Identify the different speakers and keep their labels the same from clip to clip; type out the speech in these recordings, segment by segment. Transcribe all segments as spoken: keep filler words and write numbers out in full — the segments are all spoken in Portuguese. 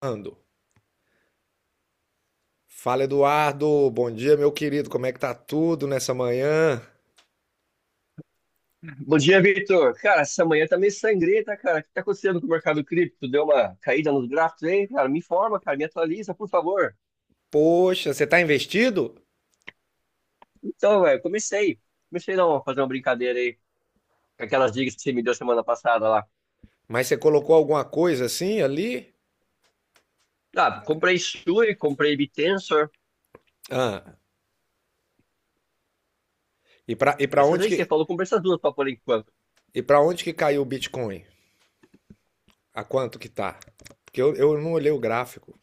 Speaker 1: Ando. Fala, Eduardo. Bom dia, meu querido. Como é que tá tudo nessa manhã?
Speaker 2: Bom dia, Vitor. Cara, essa manhã tá meio sangrenta, cara. O que tá acontecendo com o mercado cripto? Deu uma caída nos gráficos aí, cara? Me informa, cara, me atualiza, por favor.
Speaker 1: Poxa, você tá investido?
Speaker 2: Então, velho, comecei. Comecei não, a fazer uma brincadeira aí com aquelas dicas que você me deu semana passada lá.
Speaker 1: Mas você colocou alguma coisa assim ali?
Speaker 2: Ah, comprei Sui, comprei Bittensor.
Speaker 1: Ah, e pra, e pra
Speaker 2: Essas
Speaker 1: onde
Speaker 2: aí que você
Speaker 1: que,
Speaker 2: falou, comprei essas duas pra por enquanto.
Speaker 1: e pra onde que caiu o Bitcoin? A quanto que tá? Porque eu, eu não olhei o gráfico.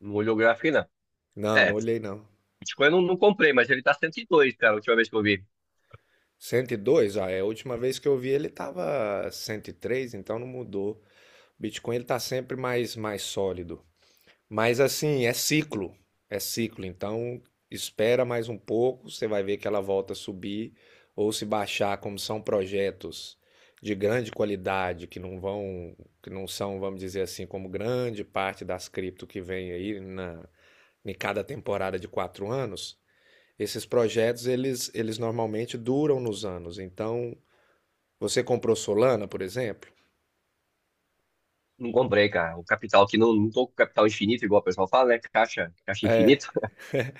Speaker 2: Não olhou o gráfico não.
Speaker 1: Não,
Speaker 2: É,
Speaker 1: não olhei não.
Speaker 2: Bitcoin eu não, não comprei, mas ele tá cento e dois, cara, a última vez que eu vi.
Speaker 1: cento e dois? Ah, é a última vez que eu vi ele tava cento e três. Então não mudou. O Bitcoin ele tá sempre mais, mais sólido. Mas assim, é ciclo, é ciclo. Então, espera mais um pouco, você vai ver que ela volta a subir ou se baixar, como são projetos de grande qualidade que não vão, que não são, vamos dizer assim, como grande parte das cripto que vem aí na em cada temporada de quatro anos. Esses projetos eles, eles normalmente duram nos anos. Então, você comprou Solana, por exemplo,
Speaker 2: Não comprei, cara. O capital aqui, não, não tô com capital infinito, igual o pessoal fala, né? Caixa, caixa infinito.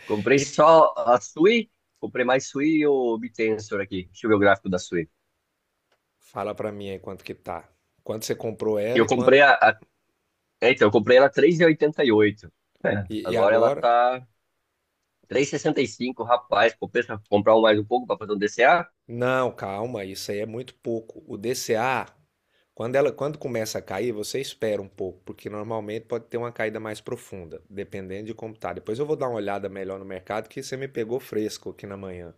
Speaker 2: Comprei
Speaker 1: e
Speaker 2: só a Sui, comprei mais Sui e o Bitensor aqui. Deixa eu ver o gráfico da Sui.
Speaker 1: fala para mim aí quanto que tá. Quanto você comprou ela
Speaker 2: Eu
Speaker 1: e quanto
Speaker 2: comprei a, a- é, então, eu comprei ela três vírgula oitenta e oito. É,
Speaker 1: e, e
Speaker 2: agora ela
Speaker 1: agora?
Speaker 2: tá três e sessenta e cinco, rapaz. Compensa comprar um mais um pouco para fazer um D C A?
Speaker 1: Não, calma, isso aí é muito pouco. O D C A, quando ela, quando começa a cair, você espera um pouco, porque normalmente pode ter uma caída mais profunda, dependendo de como tá. Depois eu vou dar uma olhada melhor no mercado, que você me pegou fresco aqui na manhã.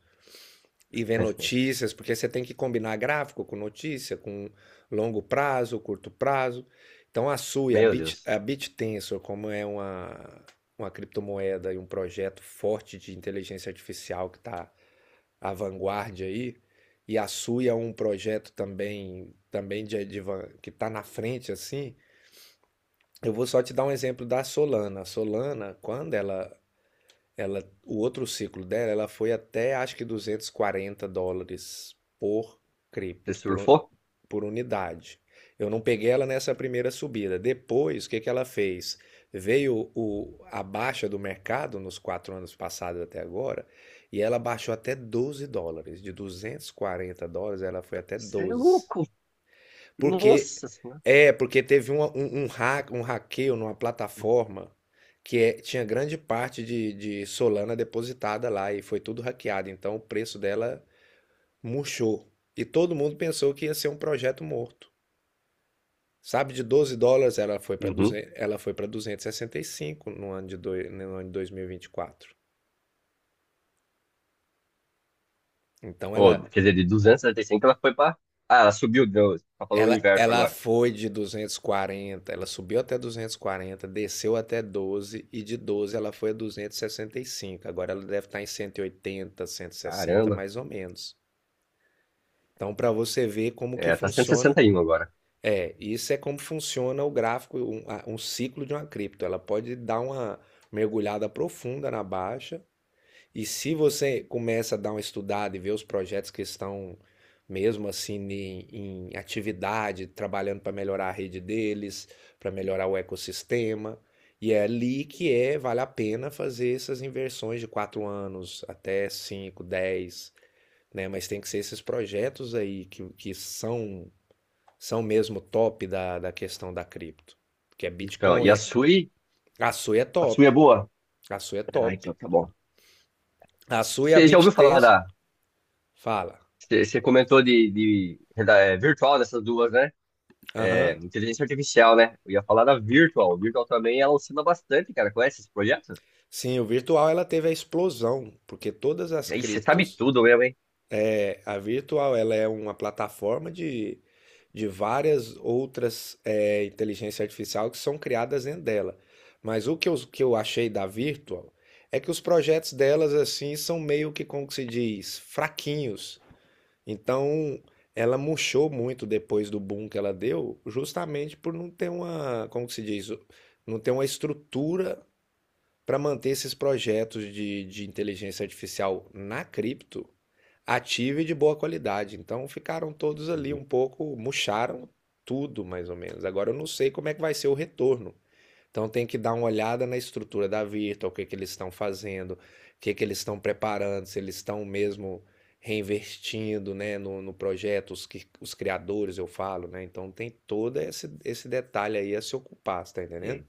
Speaker 1: E ver notícias, porque você tem que combinar gráfico com notícia, com longo prazo, curto prazo. Então a sua e a
Speaker 2: Meu
Speaker 1: Bit,
Speaker 2: Deus.
Speaker 1: a BitTensor, como é uma, uma criptomoeda e um projeto forte de inteligência artificial que está a vanguarda aí, e a sua é um projeto também também de, de van- que está na frente assim. Eu vou só te dar um exemplo da Solana. A Solana, quando ela ela, o outro ciclo dela, ela foi até acho que duzentos e quarenta dólares por
Speaker 2: Você
Speaker 1: cripto, por, un-
Speaker 2: surfou?
Speaker 1: por unidade. Eu não peguei ela nessa primeira subida. Depois, o que que ela fez? Veio o, a baixa do mercado nos quatro anos passados até agora, e ela baixou até doze dólares. De duzentos e quarenta dólares, ela foi até
Speaker 2: Você é
Speaker 1: doze
Speaker 2: louco.
Speaker 1: porque
Speaker 2: Nossa senhora.
Speaker 1: é, porque teve uma- um, um hack, um hackeio numa plataforma que é- tinha grande parte de, de Solana depositada lá e foi tudo hackeado. Então o preço dela murchou. E todo mundo pensou que ia ser um projeto morto. Sabe, de doze dólares ela foi para
Speaker 2: Uhum.
Speaker 1: duzentos, ela foi para duzentos e e sessenta e cinco no ano de, doi- no ano de dois mil e e vinte e quatro. Então
Speaker 2: Pô,
Speaker 1: ela...
Speaker 2: quer dizer, de duzentos e setenta e cinco? Ela foi pra. Ah, ela subiu, deu, tá falando o
Speaker 1: Ela,
Speaker 2: inverso
Speaker 1: ela
Speaker 2: agora.
Speaker 1: foi de duzentos e quarenta, ela subiu até duzentos e quarenta, desceu até doze, e de doze ela foi a duzentos e sessenta e cinco. Agora ela deve estar em cento cento e oitenta, cento e sessenta,
Speaker 2: Caramba.
Speaker 1: mais ou menos. Então para você ver como que
Speaker 2: É, tá cento e e
Speaker 1: funciona,
Speaker 2: sessenta e um agora.
Speaker 1: é, isso é como funciona o gráfico, um, um ciclo de uma cripto. Ela pode dar uma mergulhada profunda na baixa e se você começa a dar uma estudada e ver os projetos que estão mesmo assim em em, atividade, trabalhando para melhorar a rede deles, para melhorar o ecossistema, e é ali que é, vale a pena fazer essas inversões de quatro anos até cinco, dez, né? Mas tem que ser esses projetos aí que, que são são mesmo top da, da questão da cripto, que é
Speaker 2: Então, e
Speaker 1: Bitcoin,
Speaker 2: a
Speaker 1: é-
Speaker 2: Sui?
Speaker 1: a sua é
Speaker 2: A Sui é
Speaker 1: top,
Speaker 2: boa?
Speaker 1: a sua é
Speaker 2: Ah, então
Speaker 1: top.
Speaker 2: tá bom.
Speaker 1: A sua e a
Speaker 2: Você já ouviu falar
Speaker 1: BitTenso,
Speaker 2: da.
Speaker 1: fala.
Speaker 2: Você comentou de, de, da- é, virtual nessas duas, né?
Speaker 1: Aham.
Speaker 2: É, inteligência artificial, né? Eu ia falar da virtual. Virtual também ela oscila bastante, cara. Conhece esse projeto?
Speaker 1: Sim, o virtual ela teve a explosão, porque todas as
Speaker 2: E aí você sabe
Speaker 1: criptos,
Speaker 2: tudo mesmo, hein?
Speaker 1: é, a virtual ela é uma plataforma de, de várias outras é, inteligência artificial que são criadas dentro dela. Mas o que eu, que eu achei da virtual é que os projetos delas assim são meio que, como que se diz, fraquinhos. Então, ela murchou muito depois do boom que ela deu, justamente por não ter uma, como que se diz, não ter uma estrutura para manter esses projetos de, de inteligência artificial na cripto ativa e de boa qualidade. Então ficaram todos ali
Speaker 2: Hum,
Speaker 1: um pouco, murcharam tudo mais ou menos. Agora eu não sei como é que vai ser o retorno. Então tem que dar uma olhada na estrutura da Virtual, o que que eles estão fazendo, o que que eles estão preparando, se eles estão mesmo reinvestindo, né, no, no projeto, os, que- os criadores, eu falo, né? Então tem todo esse, esse detalhe aí a se ocupar, você tá entendendo?
Speaker 2: é,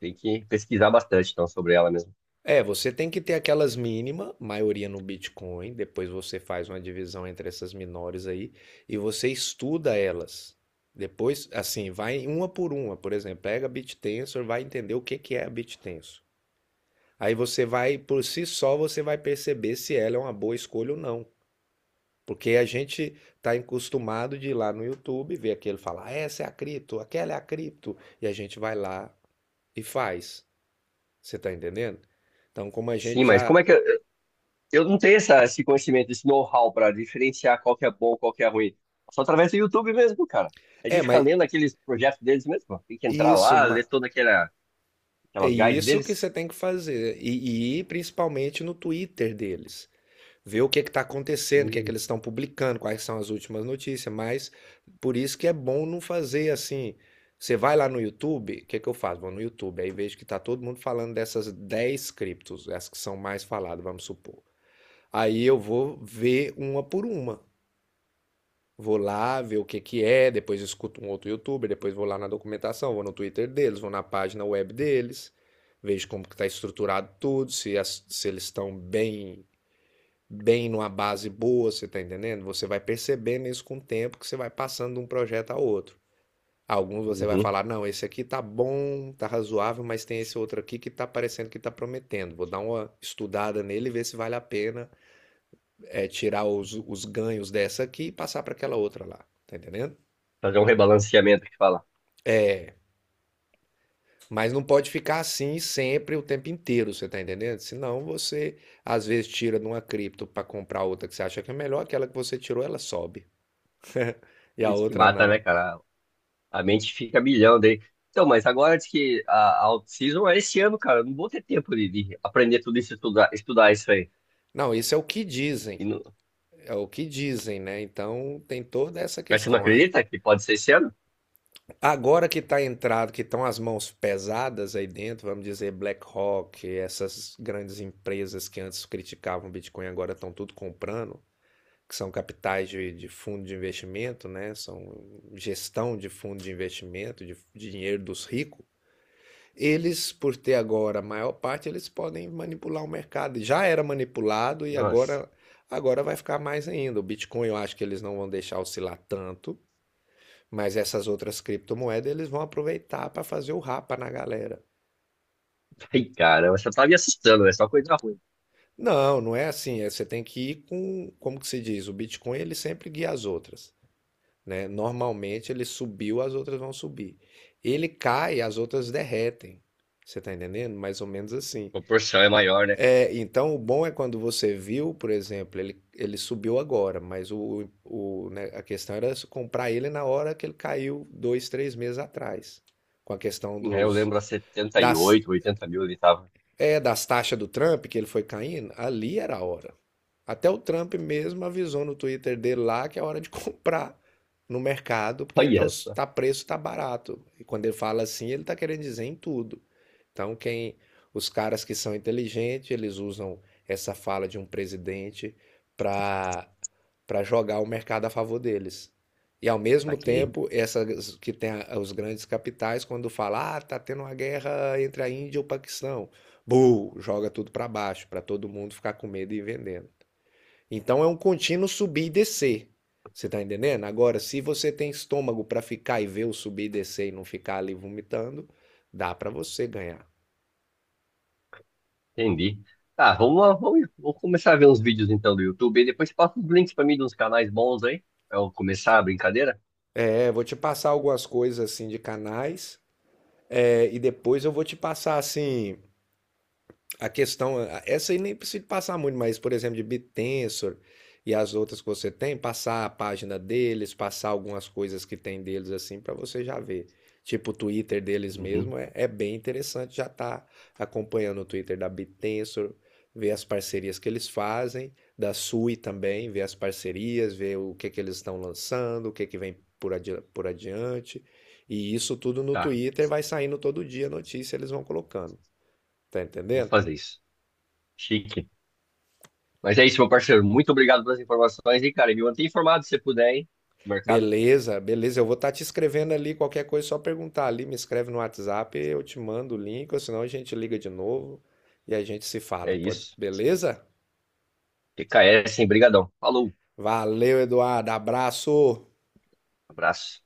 Speaker 2: tem que pesquisar bastante, então, sobre ela mesmo.
Speaker 1: É, você tem que ter aquelas mínima, maioria no Bitcoin, depois você faz uma divisão entre essas menores aí e você estuda elas. Depois, assim, vai uma por uma, por exemplo, pega BitTensor, vai entender o que que é a BitTensor. Aí você vai, por si só, você vai perceber se ela é uma boa escolha ou não. Porque a gente está acostumado de ir lá no YouTube, ver aquele falar: "Ah, essa é a cripto, aquela é a cripto", e a gente vai lá e faz. Você está entendendo? Então, como a
Speaker 2: Sim,
Speaker 1: gente
Speaker 2: mas como
Speaker 1: já
Speaker 2: é que. Eu, eu não tenho essa, esse conhecimento, esse know-how para diferenciar qual que é bom, qual que é ruim. Só através do YouTube mesmo, cara. A
Speaker 1: é,
Speaker 2: gente fica
Speaker 1: mas
Speaker 2: lendo aqueles projetos deles mesmo. Tem que entrar
Speaker 1: isso,
Speaker 2: lá, ler
Speaker 1: ma-
Speaker 2: toda aquela,
Speaker 1: é
Speaker 2: aquelas guides
Speaker 1: isso que
Speaker 2: deles.
Speaker 1: você tem que fazer. E, e ir principalmente no Twitter deles. Ver o que está acontecendo, o que é que
Speaker 2: Hum,
Speaker 1: eles estão publicando, quais são as últimas notícias. Mas por isso que é bom não fazer assim. Você vai lá no YouTube, o que é que eu faço? Vou no YouTube, aí vejo que está todo mundo falando dessas dez criptos, as que são mais faladas, vamos supor. Aí eu vou ver uma por uma. Vou lá ver o que que é, depois escuto um outro youtuber, depois vou lá na documentação, vou no Twitter deles, vou na página web deles, vejo como que está estruturado tudo, se, as- se eles estão bem, bem numa base boa, você está entendendo? Você vai percebendo isso com o tempo que você vai passando de um projeto a outro. Alguns você vai
Speaker 2: uhum.
Speaker 1: falar, não, esse aqui tá bom, tá razoável, mas tem esse outro aqui que tá parecendo que tá prometendo. Vou dar uma estudada nele e ver se vale a pena é, tirar os, os ganhos dessa aqui e passar para aquela outra lá. Tá entendendo?
Speaker 2: Fazer um rebalanceamento que fala.
Speaker 1: Mas não pode ficar assim sempre, o tempo inteiro, você tá entendendo? Senão você, às vezes, tira de uma cripto para comprar outra que você acha que é melhor, aquela que você tirou, ela sobe. E a
Speaker 2: Isso que
Speaker 1: outra
Speaker 2: mata, né,
Speaker 1: não.
Speaker 2: cara? A mente fica a milhão daí. Então, mas agora diz que a, a off-season é esse ano, cara. Eu não vou ter tempo de, de aprender tudo isso, estudar, estudar isso aí.
Speaker 1: Não, isso é o que
Speaker 2: E
Speaker 1: dizem.
Speaker 2: não,
Speaker 1: É o que dizem, né? Então tem toda essa
Speaker 2: mas você não
Speaker 1: questão. Ah,
Speaker 2: acredita que pode ser esse ano?
Speaker 1: agora que tá entrado, que estão as mãos pesadas aí dentro, vamos dizer BlackRock, essas grandes empresas que antes criticavam o Bitcoin, agora estão tudo comprando. Que são capitais de, de fundo de investimento, né? São gestão de fundo de investimento, de, de dinheiro dos ricos. Eles, por ter agora a maior parte, eles podem manipular o mercado. Já era manipulado e
Speaker 2: Nossa.
Speaker 1: agora agora vai ficar mais ainda. O Bitcoin eu acho que eles não vão deixar oscilar tanto, mas essas outras criptomoedas eles vão aproveitar para fazer o rapa na galera.
Speaker 2: Ai, cara, você tá me assustando, é só coisa ruim.
Speaker 1: Não, não é assim. é- Você tem que ir com, como que se diz, o Bitcoin ele sempre guia as outras. Né? Normalmente ele subiu, as outras vão subir. Ele cai, as outras derretem. Você está entendendo? Mais ou menos
Speaker 2: A
Speaker 1: assim.
Speaker 2: proporção é maior, né?
Speaker 1: É, então o bom é quando você viu, por exemplo, ele, ele subiu agora, mas o, o, né, a questão era se comprar ele na hora que ele caiu dois, três meses atrás. Com a questão
Speaker 2: É, eu
Speaker 1: dos,
Speaker 2: lembro a
Speaker 1: das
Speaker 2: setenta e oito, 80 mil ele tava.
Speaker 1: é, das taxas do Trump, que ele foi caindo, ali era a hora. Até o Trump mesmo avisou no Twitter dele lá que é hora de comprar no mercado, porque tá,
Speaker 2: Olha
Speaker 1: os-
Speaker 2: só,
Speaker 1: tá preço, tá barato. E quando ele fala assim, ele tá querendo dizer em tudo. Então, quem, os caras que são inteligentes, eles usam essa fala de um presidente para para jogar o mercado a favor deles. E ao
Speaker 2: tá
Speaker 1: mesmo
Speaker 2: aqui.
Speaker 1: tempo, essas que tem a- os grandes capitais, quando fala, ah, tá tendo uma guerra entre a Índia e o Paquistão, bu, joga tudo para baixo, para todo mundo ficar com medo e vendendo. Então é um contínuo subir e descer. Você tá entendendo? Agora, se você tem estômago para ficar e ver o subir e descer e não ficar ali vomitando, dá para você ganhar.
Speaker 2: Entendi. Tá, vamos lá, vamos, vou começar a ver uns vídeos então do YouTube e depois passa os links pra mim de uns canais bons aí, pra eu começar a brincadeira.
Speaker 1: Eu vou te passar algumas coisas assim de canais, é, e depois eu vou te passar assim a questão, a- essa aí nem precisa passar muito, mas por exemplo, de BitTensor e as outras que você tem, passar a página deles, passar algumas coisas que tem deles assim para você já ver. Tipo o Twitter deles
Speaker 2: Uhum.
Speaker 1: mesmo é, é bem interessante, já tá acompanhando o Twitter da BitTensor, ver as parcerias que eles fazem, da Sui também, ver as parcerias, ver o que que eles estão lançando, o que que vem por, adi por adiante. E isso tudo no
Speaker 2: Tá,
Speaker 1: Twitter vai saindo todo dia a notícia, eles vão colocando. Tá
Speaker 2: vou
Speaker 1: entendendo?
Speaker 2: fazer isso. Chique. Mas é isso, meu parceiro. Muito obrigado pelas informações e, cara, e me mantém informado se você puder, hein? Mercado.
Speaker 1: Beleza, beleza. Eu vou estar te escrevendo ali qualquer coisa, só perguntar ali, me escreve no WhatsApp, eu te mando o link, ou senão a gente liga de novo e a gente se
Speaker 2: É
Speaker 1: fala, pode?
Speaker 2: isso.
Speaker 1: Beleza?
Speaker 2: T K S, hein? Brigadão. Falou.
Speaker 1: Valeu, Eduardo. Abraço.
Speaker 2: Abraço.